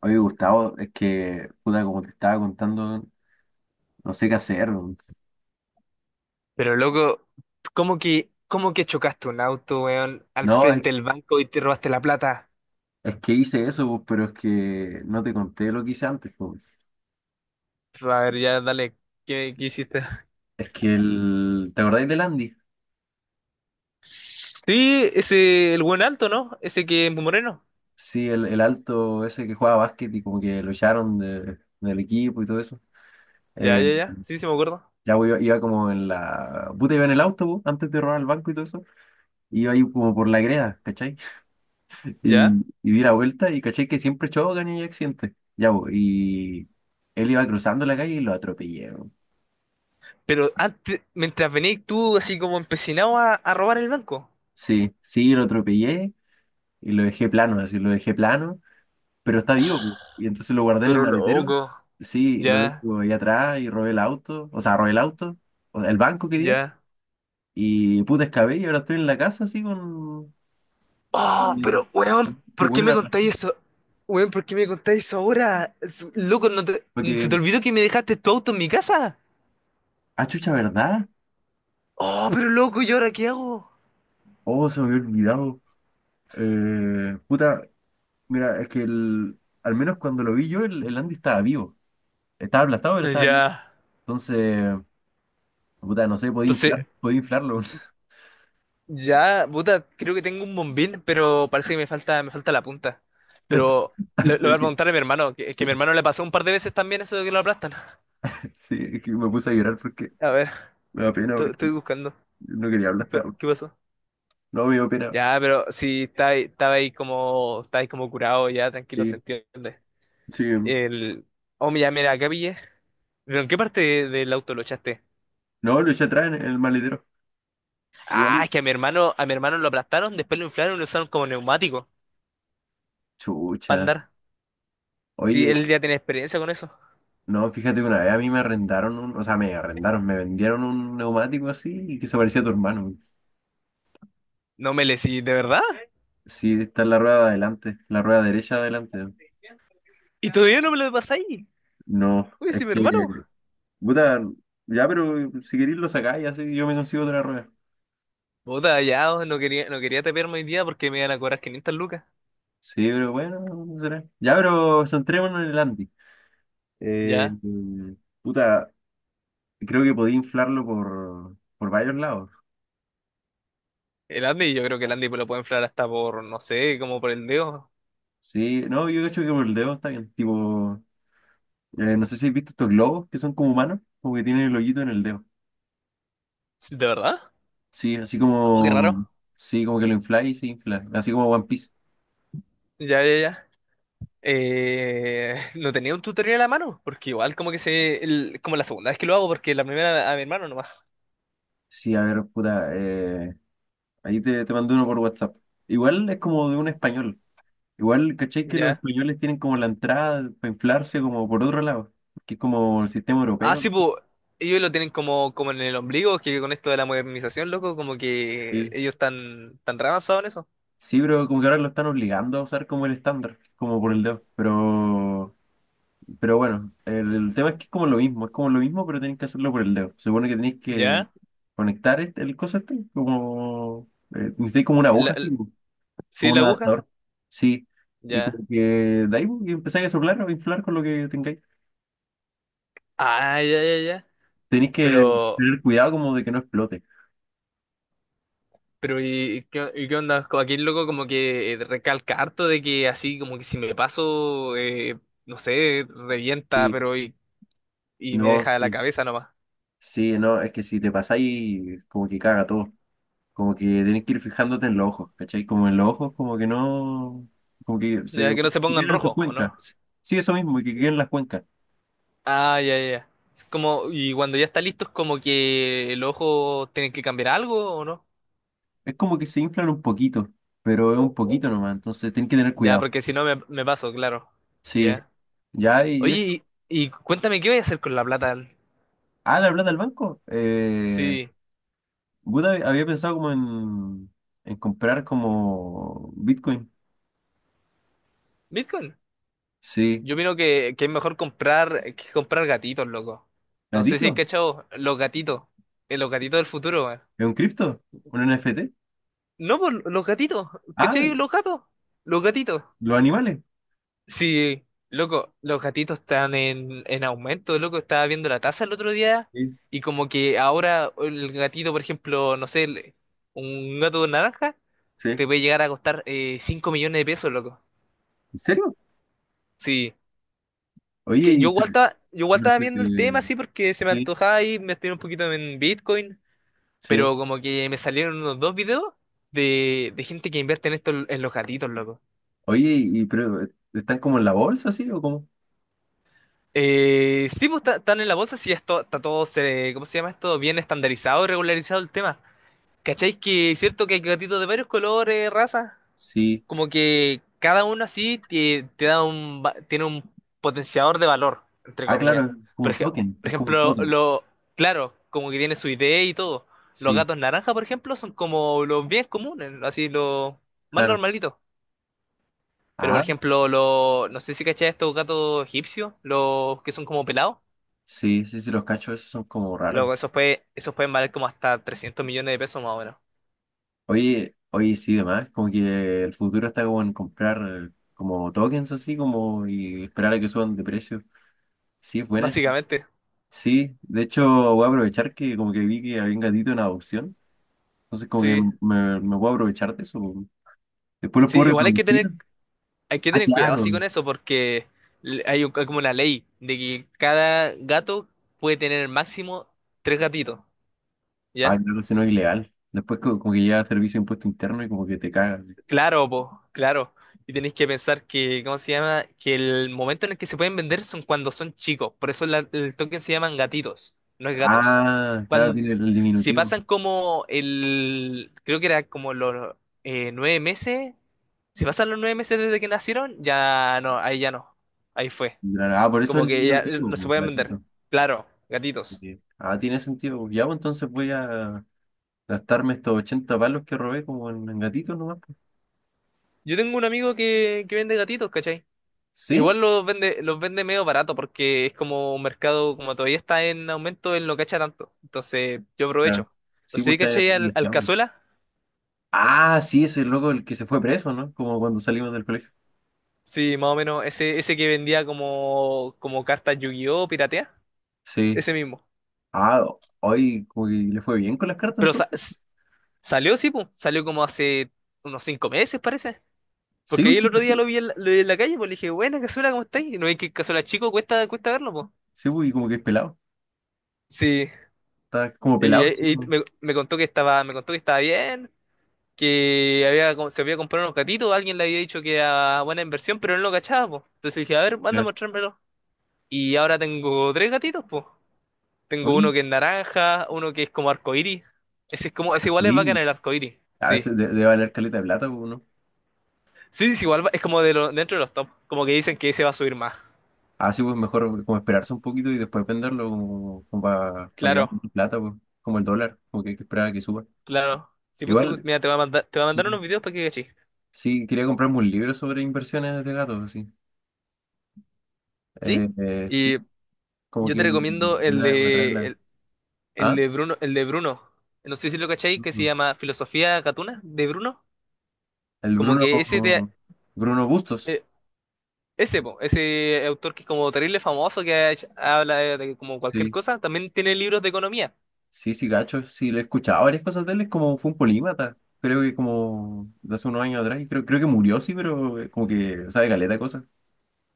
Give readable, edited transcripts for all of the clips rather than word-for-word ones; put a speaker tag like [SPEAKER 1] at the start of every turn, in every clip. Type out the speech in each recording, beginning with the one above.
[SPEAKER 1] Oye, Gustavo, es que, puta, como te estaba contando, no sé qué hacer, weón.
[SPEAKER 2] Pero loco, ¿cómo que chocaste un auto, weón, al
[SPEAKER 1] No, es,
[SPEAKER 2] frente del banco y te robaste la plata?
[SPEAKER 1] es que hice eso, pues, pero es que no te conté lo que hice antes, pues.
[SPEAKER 2] A ver, ya dale, ¿qué hiciste?
[SPEAKER 1] Es que el... ¿Te acordáis del Andy?
[SPEAKER 2] Sí, ese, el buen alto, ¿no? Ese que es moreno.
[SPEAKER 1] Sí, el alto ese que jugaba básquet y como que lo echaron del equipo y todo eso.
[SPEAKER 2] Ya,
[SPEAKER 1] Eh,
[SPEAKER 2] ya, ya, sí, sí me acuerdo.
[SPEAKER 1] ya pues, iba como en la... Puta, iba en el autobús antes de robar el banco y todo eso. Iba ahí como por la greda, ¿cachai?
[SPEAKER 2] Ya.
[SPEAKER 1] Y di la vuelta y caché que siempre chocan y hay accidentes. Ya, pues, y... Él iba cruzando la calle y lo atropellé.
[SPEAKER 2] Pero antes, mientras venís tú así como empecinado a robar el banco.
[SPEAKER 1] Sí, lo atropellé y lo dejé plano, así lo dejé plano, pero está vivo, pu. Y entonces lo guardé en el
[SPEAKER 2] Pero
[SPEAKER 1] maletero.
[SPEAKER 2] loco,
[SPEAKER 1] Sí, lo
[SPEAKER 2] ya,
[SPEAKER 1] dejo ahí atrás y robé el auto, o sea, robé el auto, o sea, el banco quería,
[SPEAKER 2] ya.
[SPEAKER 1] y puta escabé y ahora estoy en la casa así con...
[SPEAKER 2] Oh,
[SPEAKER 1] el-
[SPEAKER 2] pero weón,
[SPEAKER 1] con este
[SPEAKER 2] ¿por qué
[SPEAKER 1] weón
[SPEAKER 2] me contáis eso? Weón, ¿por qué me contáis eso ahora? Loco, ¿no te- ¿se te
[SPEAKER 1] porque,
[SPEAKER 2] olvidó que me dejaste tu auto en mi casa?
[SPEAKER 1] ah, chucha, ¿verdad?
[SPEAKER 2] Oh, pero loco, ¿y ahora qué hago?
[SPEAKER 1] Oh, se me había olvidado. Puta, mira, es que el, al menos cuando lo vi yo, el Andy estaba vivo. Estaba aplastado, pero estaba vivo.
[SPEAKER 2] Ya.
[SPEAKER 1] Entonces, puta, no sé, podía
[SPEAKER 2] Entonces,
[SPEAKER 1] inflar, podía inflarlo.
[SPEAKER 2] ya, puta, creo que tengo un bombín, pero parece que me falta la punta. Pero
[SPEAKER 1] Ay,
[SPEAKER 2] lo voy
[SPEAKER 1] pero
[SPEAKER 2] a
[SPEAKER 1] que,
[SPEAKER 2] preguntar a mi hermano, que a mi hermano le pasó un par de veces también eso de que lo aplastan.
[SPEAKER 1] sí, es que me puse a llorar porque
[SPEAKER 2] A ver,
[SPEAKER 1] me da pena, porque
[SPEAKER 2] estoy buscando.
[SPEAKER 1] no quería hablar hasta ahora.
[SPEAKER 2] ¿Qué pasó?
[SPEAKER 1] No, me dio pena.
[SPEAKER 2] Ya, pero sí, estaba ahí como curado, ya, tranquilo, se
[SPEAKER 1] Sí,
[SPEAKER 2] entiende.
[SPEAKER 1] sí.
[SPEAKER 2] El, oh, mira, mira, acá pillé. ¿Pero en qué parte del auto lo echaste?
[SPEAKER 1] No, lo eché atrás en el maletero.
[SPEAKER 2] Ah,
[SPEAKER 1] Igual.
[SPEAKER 2] es que a mi hermano lo aplastaron, después lo inflaron y lo usaron como neumático para
[SPEAKER 1] Chucha.
[SPEAKER 2] andar. Sí,
[SPEAKER 1] Oye,
[SPEAKER 2] él ya tiene experiencia con eso.
[SPEAKER 1] no, fíjate que una vez a mí me arrendaron un, o sea, me arrendaron, me vendieron un neumático así y que se parecía a tu hermano.
[SPEAKER 2] No me le sí, ¿de verdad?
[SPEAKER 1] Sí, está en la rueda de adelante, la rueda derecha de adelante.
[SPEAKER 2] ¿Y todavía no me lo pasáis?
[SPEAKER 1] No,
[SPEAKER 2] Uy,
[SPEAKER 1] es
[SPEAKER 2] sí, mi hermano.
[SPEAKER 1] que, puta, ya, pero si queréis lo sacáis, así yo me consigo otra rueda.
[SPEAKER 2] Puta, ya, oh, no quería tapearme hoy día porque me iban a cobrar 500 lucas.
[SPEAKER 1] Sí, pero bueno, no será. Ya, pero centrémonos en el Andy. Eh,
[SPEAKER 2] Ya.
[SPEAKER 1] puta, creo que podía inflarlo por varios lados.
[SPEAKER 2] El Andy, yo creo que el Andy lo puede inflar hasta por, no sé, como por el dedo.
[SPEAKER 1] Sí, no, yo hecho que por el dedo está bien. Tipo, no sé si has visto estos globos que son como humanos, como que tienen el hoyito en el dedo.
[SPEAKER 2] Sí, ¿de verdad?
[SPEAKER 1] Sí, así
[SPEAKER 2] No, qué raro.
[SPEAKER 1] como, sí, como que lo infla y se infla, así como One Piece.
[SPEAKER 2] Ya, ya, ya. No tenía un tutorial a la mano, porque igual como que como la segunda vez que lo hago, porque la primera a mi hermano nomás.
[SPEAKER 1] Sí, a ver, puta, ahí te, te mandé uno por WhatsApp. Igual es como de un español. Igual, ¿cachai que los
[SPEAKER 2] Ya.
[SPEAKER 1] españoles tienen como la entrada para inflarse como por otro lado? Que es como el sistema
[SPEAKER 2] Ah,
[SPEAKER 1] europeo.
[SPEAKER 2] sí, pues ellos lo tienen como en el ombligo, que con esto de la modernización, loco, como que
[SPEAKER 1] Sí
[SPEAKER 2] ellos están tan re avanzados en eso.
[SPEAKER 1] Sí, pero como que ahora lo están obligando a usar como el estándar, como por el dedo. Pero bueno, el tema es que es como lo mismo, es como lo mismo, pero tenéis que hacerlo por el dedo. Se supone que tenéis que
[SPEAKER 2] ¿Ya?
[SPEAKER 1] conectar el coso este, como necesitáis como una
[SPEAKER 2] La-
[SPEAKER 1] aguja así,
[SPEAKER 2] la-
[SPEAKER 1] como
[SPEAKER 2] ¿Sí,
[SPEAKER 1] como
[SPEAKER 2] la
[SPEAKER 1] un
[SPEAKER 2] aguja?
[SPEAKER 1] adaptador. Sí. Y como
[SPEAKER 2] Ya.
[SPEAKER 1] que de ahí pues, y empezáis a soplar o inflar con lo que tengáis.
[SPEAKER 2] Ah, ya, ya, ya.
[SPEAKER 1] Tenéis
[SPEAKER 2] Pero,
[SPEAKER 1] que tener cuidado como de que no explote.
[SPEAKER 2] pero ¿y qué onda? Como aquí el loco como que recalca harto de que así como que si me paso, no sé, revienta,
[SPEAKER 1] Sí,
[SPEAKER 2] pero y, me
[SPEAKER 1] no,
[SPEAKER 2] deja la
[SPEAKER 1] sí.
[SPEAKER 2] cabeza nomás.
[SPEAKER 1] Sí, no, es que si te pasáis, como que caga todo. Como que tenés que ir fijándote en los ojos, ¿cachai? Como en los ojos, como que no, como que se
[SPEAKER 2] Ya que no se
[SPEAKER 1] que
[SPEAKER 2] pongan
[SPEAKER 1] quedan en sus
[SPEAKER 2] rojo, ¿o no?
[SPEAKER 1] cuencas. Sí, eso mismo, que quedan en las cuencas.
[SPEAKER 2] Ah, ya, ya, ya. Es como, y cuando ya está listo, es como que el ojo tiene que cambiar algo o no.
[SPEAKER 1] Es como que se inflan un poquito, pero es un poquito nomás, entonces tenés que tener
[SPEAKER 2] Ya,
[SPEAKER 1] cuidado.
[SPEAKER 2] porque si no me paso, claro.
[SPEAKER 1] Sí,
[SPEAKER 2] Ya.
[SPEAKER 1] ya, y esto.
[SPEAKER 2] Oye, y cuéntame, ¿qué voy a hacer con la plata?
[SPEAKER 1] Ah, la plata del banco.
[SPEAKER 2] Sí,
[SPEAKER 1] Buda había pensado como en comprar como Bitcoin.
[SPEAKER 2] Bitcoin.
[SPEAKER 1] Sí.
[SPEAKER 2] Yo miro que es mejor comprar que comprar gatitos, loco. No sé si has
[SPEAKER 1] ¿Gatito?
[SPEAKER 2] cachado los gatitos. Los gatitos del futuro, weón.
[SPEAKER 1] ¿Es un cripto? ¿Un NFT?
[SPEAKER 2] No, pues los gatitos.
[SPEAKER 1] Ah,
[SPEAKER 2] ¿Cachai? Los gatos. Los gatitos.
[SPEAKER 1] los animales.
[SPEAKER 2] Sí, loco, los gatitos están en, aumento, loco. Estaba viendo la tasa el otro día
[SPEAKER 1] Sí.
[SPEAKER 2] y como que ahora el gatito, por ejemplo, no sé, un gato naranja
[SPEAKER 1] Sí.
[SPEAKER 2] te puede llegar a costar 5 millones de pesos, loco.
[SPEAKER 1] ¿En serio?
[SPEAKER 2] Sí,
[SPEAKER 1] Oye,
[SPEAKER 2] que yo igual estaba, yo
[SPEAKER 1] se-
[SPEAKER 2] igual
[SPEAKER 1] pero,
[SPEAKER 2] estaba viendo el tema
[SPEAKER 1] se-
[SPEAKER 2] así porque se me
[SPEAKER 1] eh,
[SPEAKER 2] antojaba y me estoy un poquito en Bitcoin,
[SPEAKER 1] sí.
[SPEAKER 2] pero como que me salieron unos dos videos de gente que invierte en esto en los gatitos, loco.
[SPEAKER 1] Oye, y pero, ¿están como en la bolsa, sí? ¿O cómo?
[SPEAKER 2] Sí, pues están en la bolsa, sí, esto, está todo, ¿cómo se llama esto? Bien estandarizado, y regularizado el tema. ¿Cacháis que es cierto que hay gatitos de varios colores, razas?
[SPEAKER 1] Sí.
[SPEAKER 2] Como que cada uno así te da tiene un potenciador de valor, entre
[SPEAKER 1] Ah, claro,
[SPEAKER 2] comillas.
[SPEAKER 1] es como
[SPEAKER 2] Por
[SPEAKER 1] un
[SPEAKER 2] ej-
[SPEAKER 1] token,
[SPEAKER 2] por
[SPEAKER 1] es como un
[SPEAKER 2] ejemplo,
[SPEAKER 1] token.
[SPEAKER 2] claro, como que tiene su idea y todo. Los
[SPEAKER 1] Sí,
[SPEAKER 2] gatos naranja, por ejemplo, son como los bien comunes, así los más
[SPEAKER 1] claro.
[SPEAKER 2] normalitos. Pero, por
[SPEAKER 1] Ah,
[SPEAKER 2] ejemplo, no sé si cacháis estos gatos egipcios, los que son como pelados.
[SPEAKER 1] sí, sí, sí, los cachos esos son como raros.
[SPEAKER 2] Luego, eso pueden valer como hasta 300 millones de pesos más o menos.
[SPEAKER 1] Oye, oye, sí, demás, como que el futuro está como en comprar como tokens así, como y esperar a que suban de precio. Sí, es buena eso.
[SPEAKER 2] Básicamente,
[SPEAKER 1] Sí, de hecho voy a aprovechar que como que vi que había un gatito en adopción, entonces como que
[SPEAKER 2] sí.
[SPEAKER 1] me voy a aprovechar de eso. Después lo
[SPEAKER 2] Sí,
[SPEAKER 1] puedo
[SPEAKER 2] igual hay que
[SPEAKER 1] reproducir.
[SPEAKER 2] tener, hay que
[SPEAKER 1] Ah,
[SPEAKER 2] tener cuidado
[SPEAKER 1] claro.
[SPEAKER 2] así con eso porque hay, hay como una ley de que cada gato puede tener máximo tres gatitos,
[SPEAKER 1] Ah,
[SPEAKER 2] ¿ya?
[SPEAKER 1] claro, si no es ilegal. Después como que llega a servicio de impuesto interno y como que te cagas.
[SPEAKER 2] Claro, po, claro. Y tenéis que pensar que, ¿cómo se llama? Que el momento en el que se pueden vender son cuando son chicos. Por eso el token se llaman gatitos, no es gatos.
[SPEAKER 1] Ah, claro,
[SPEAKER 2] Cuando,
[SPEAKER 1] tiene el
[SPEAKER 2] si
[SPEAKER 1] diminutivo.
[SPEAKER 2] pasan creo que era como los 9 meses, si pasan los 9 meses desde que nacieron, ya no. Ahí fue.
[SPEAKER 1] Claro, ah, por eso
[SPEAKER 2] Como
[SPEAKER 1] el
[SPEAKER 2] que ya
[SPEAKER 1] diminutivo,
[SPEAKER 2] no se
[SPEAKER 1] po,
[SPEAKER 2] pueden vender.
[SPEAKER 1] gatito.
[SPEAKER 2] Claro,
[SPEAKER 1] Ok.
[SPEAKER 2] gatitos.
[SPEAKER 1] Ah, tiene sentido, po. Ya, pues entonces voy a gastarme estos 80 palos que robé como en gatitos nomás, pues.
[SPEAKER 2] Yo tengo un amigo que vende gatitos, ¿cachai?
[SPEAKER 1] ¿Sí?
[SPEAKER 2] Igual los vende medio barato porque es como un mercado, como todavía está en aumento, él no cacha tanto. Entonces yo
[SPEAKER 1] Claro.
[SPEAKER 2] aprovecho. No
[SPEAKER 1] Sí,
[SPEAKER 2] sé
[SPEAKER 1] pues
[SPEAKER 2] si
[SPEAKER 1] está
[SPEAKER 2] caché al
[SPEAKER 1] denunciando.
[SPEAKER 2] Cazuela.
[SPEAKER 1] Ah, sí, ese loco el que se fue preso, ¿no? Como cuando salimos del colegio.
[SPEAKER 2] Sí, más o menos ese que vendía como cartas Yu-Gi-Oh! Piratea.
[SPEAKER 1] Sí.
[SPEAKER 2] Ese mismo.
[SPEAKER 1] Ah, hoy como que le fue bien con las cartas
[SPEAKER 2] Pero sa-
[SPEAKER 1] entonces.
[SPEAKER 2] s- salió, sí, pues. Salió como hace unos 5 meses, parece.
[SPEAKER 1] Sí,
[SPEAKER 2] Porque ahí
[SPEAKER 1] pues
[SPEAKER 2] el
[SPEAKER 1] sí,
[SPEAKER 2] otro día lo
[SPEAKER 1] caché.
[SPEAKER 2] vi en la, lo vi en la calle, pues le dije, buena Cazuela, ¿cómo estáis? Y no veis que Cazuela chico cuesta, verlo, pues.
[SPEAKER 1] Sí, pues, y como que es pelado.
[SPEAKER 2] Sí.
[SPEAKER 1] Está como
[SPEAKER 2] Y,
[SPEAKER 1] pelado, chico,
[SPEAKER 2] y
[SPEAKER 1] ¿no?
[SPEAKER 2] me me contó que estaba bien, se había comprado unos gatitos, alguien le había dicho que era buena inversión, pero él no cachaba, po. Entonces dije, a ver, manda a
[SPEAKER 1] Ya.
[SPEAKER 2] mostrármelo. Y ahora tengo tres gatitos, po. Tengo uno
[SPEAKER 1] Oye,
[SPEAKER 2] que es naranja, uno que es como arcoíris. Ese igual es bacán
[SPEAKER 1] sí,
[SPEAKER 2] el arcoíris,
[SPEAKER 1] a
[SPEAKER 2] sí.
[SPEAKER 1] veces debe valer caleta de plata, pues, ¿no?
[SPEAKER 2] Sí, sí, sí, igual es como dentro de los top, como que dicen que ese va a subir más.
[SPEAKER 1] Así pues mejor como esperarse un poquito y después venderlo como, para que valga
[SPEAKER 2] Claro,
[SPEAKER 1] tu plata, pues, como el dólar, como que hay que esperar a que suba.
[SPEAKER 2] claro. Sí, pues,
[SPEAKER 1] Igual,
[SPEAKER 2] mira, te voy a mandar
[SPEAKER 1] sí,
[SPEAKER 2] unos videos para que cachis.
[SPEAKER 1] sí, quería comprarme un libro sobre inversiones de gatos, sí.
[SPEAKER 2] ¿Sí?
[SPEAKER 1] Sí,
[SPEAKER 2] Y
[SPEAKER 1] como
[SPEAKER 2] yo te
[SPEAKER 1] que
[SPEAKER 2] recomiendo el
[SPEAKER 1] me trae la...
[SPEAKER 2] de, El
[SPEAKER 1] Ah,
[SPEAKER 2] de Bruno, el de Bruno, no sé si lo cacháis, que se
[SPEAKER 1] no,
[SPEAKER 2] llama Filosofía Gatuna de Bruno.
[SPEAKER 1] el
[SPEAKER 2] Como
[SPEAKER 1] Bruno,
[SPEAKER 2] que ese te-
[SPEAKER 1] Bruno Bustos,
[SPEAKER 2] eh, ese, po, ese autor que es como terrible famoso, que habla de, como cualquier
[SPEAKER 1] sí,
[SPEAKER 2] cosa, también tiene libros de economía.
[SPEAKER 1] sí, sí, gacho, sí, lo he escuchado varias cosas de él, es como fue un polímata. Creo que como de hace unos años atrás, y creo, creo que murió, sí, pero como que sabe caleta de cosas.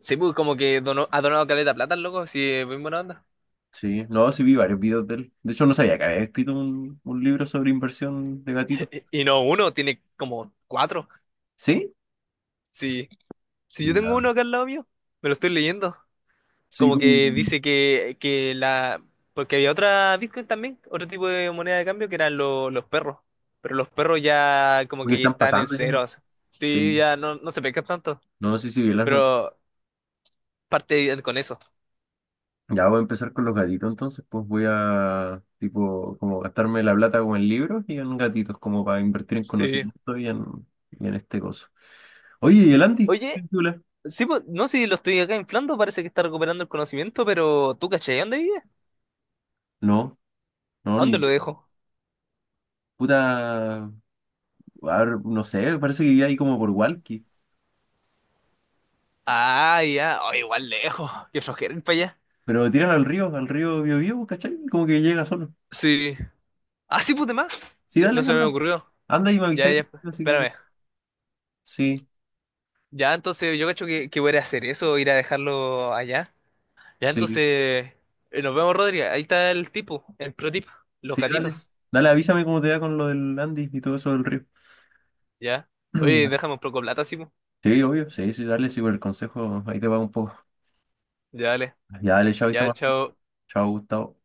[SPEAKER 2] Sí, pues como que ha donado caleta de plata, el loco, sí, es muy buena onda.
[SPEAKER 1] Sí, no, sí vi varios videos de él. De hecho, no sabía que había escrito un libro sobre inversión de gatitos.
[SPEAKER 2] Y no uno, tiene como cuatro.
[SPEAKER 1] ¿Sí?
[SPEAKER 2] Sí, si yo tengo
[SPEAKER 1] Ya.
[SPEAKER 2] uno acá al lado mío, me lo estoy leyendo.
[SPEAKER 1] Sí,
[SPEAKER 2] Como
[SPEAKER 1] como
[SPEAKER 2] que dice que la. Porque había otra Bitcoin también, otro tipo de moneda de cambio que eran los perros. Pero los perros ya como
[SPEAKER 1] porque
[SPEAKER 2] que
[SPEAKER 1] están
[SPEAKER 2] están en
[SPEAKER 1] pasando ya, ¿no?
[SPEAKER 2] ceros. Sí,
[SPEAKER 1] Sí.
[SPEAKER 2] ya no, no se pescan tanto.
[SPEAKER 1] No, sí, sí, vi las
[SPEAKER 2] Pero parte con eso.
[SPEAKER 1] ya voy a empezar con los gatitos, entonces, pues voy a, tipo, como gastarme la plata como en libros y en gatitos, como para invertir en
[SPEAKER 2] Sí.
[SPEAKER 1] conocimiento y en este coso. Oye, ¿y el Andy? ¿Qué?
[SPEAKER 2] Oye,
[SPEAKER 1] ¿Película?
[SPEAKER 2] sí, pues, no sé si lo estoy acá inflando, parece que está recuperando el conocimiento, pero ¿tú cachai? ¿Dónde vive?
[SPEAKER 1] No, no,
[SPEAKER 2] ¿A
[SPEAKER 1] ni
[SPEAKER 2] dónde lo
[SPEAKER 1] idea.
[SPEAKER 2] dejo?
[SPEAKER 1] Puta, a ver, no sé, parece que vive ahí como por Walkie.
[SPEAKER 2] Ah, ya. Oh, igual lejos. Qué flojera ir para allá.
[SPEAKER 1] Pero tiran al río Biobío, ¿cachai? Como que llega solo.
[SPEAKER 2] Sí. Ah, sí, pues más.
[SPEAKER 1] Sí,
[SPEAKER 2] Ya,
[SPEAKER 1] dale,
[SPEAKER 2] no se me
[SPEAKER 1] anda.
[SPEAKER 2] ocurrió.
[SPEAKER 1] Anda y me
[SPEAKER 2] Ya,
[SPEAKER 1] avisáis
[SPEAKER 2] ya.
[SPEAKER 1] después. Así que, pues,
[SPEAKER 2] Espérame.
[SPEAKER 1] sí,
[SPEAKER 2] Ya, entonces yo cacho que, voy a ir a hacer eso, ir a dejarlo allá. Ya, entonces
[SPEAKER 1] sí,
[SPEAKER 2] nos vemos, Rodri. Ahí está el tipo, el pro tip, los
[SPEAKER 1] sí, dale.
[SPEAKER 2] gatitos.
[SPEAKER 1] Dale, avísame cómo te va con lo del Andy y todo eso del río.
[SPEAKER 2] Ya. Oye, déjame un poco de plata, sí,
[SPEAKER 1] Sí, obvio. Sí, sí, dale, sí, por el consejo. Ahí te va un poco.
[SPEAKER 2] Ya, dale.
[SPEAKER 1] Ya, dale, chao, está
[SPEAKER 2] Ya,
[SPEAKER 1] más.
[SPEAKER 2] chao.
[SPEAKER 1] Chao, Gustavo.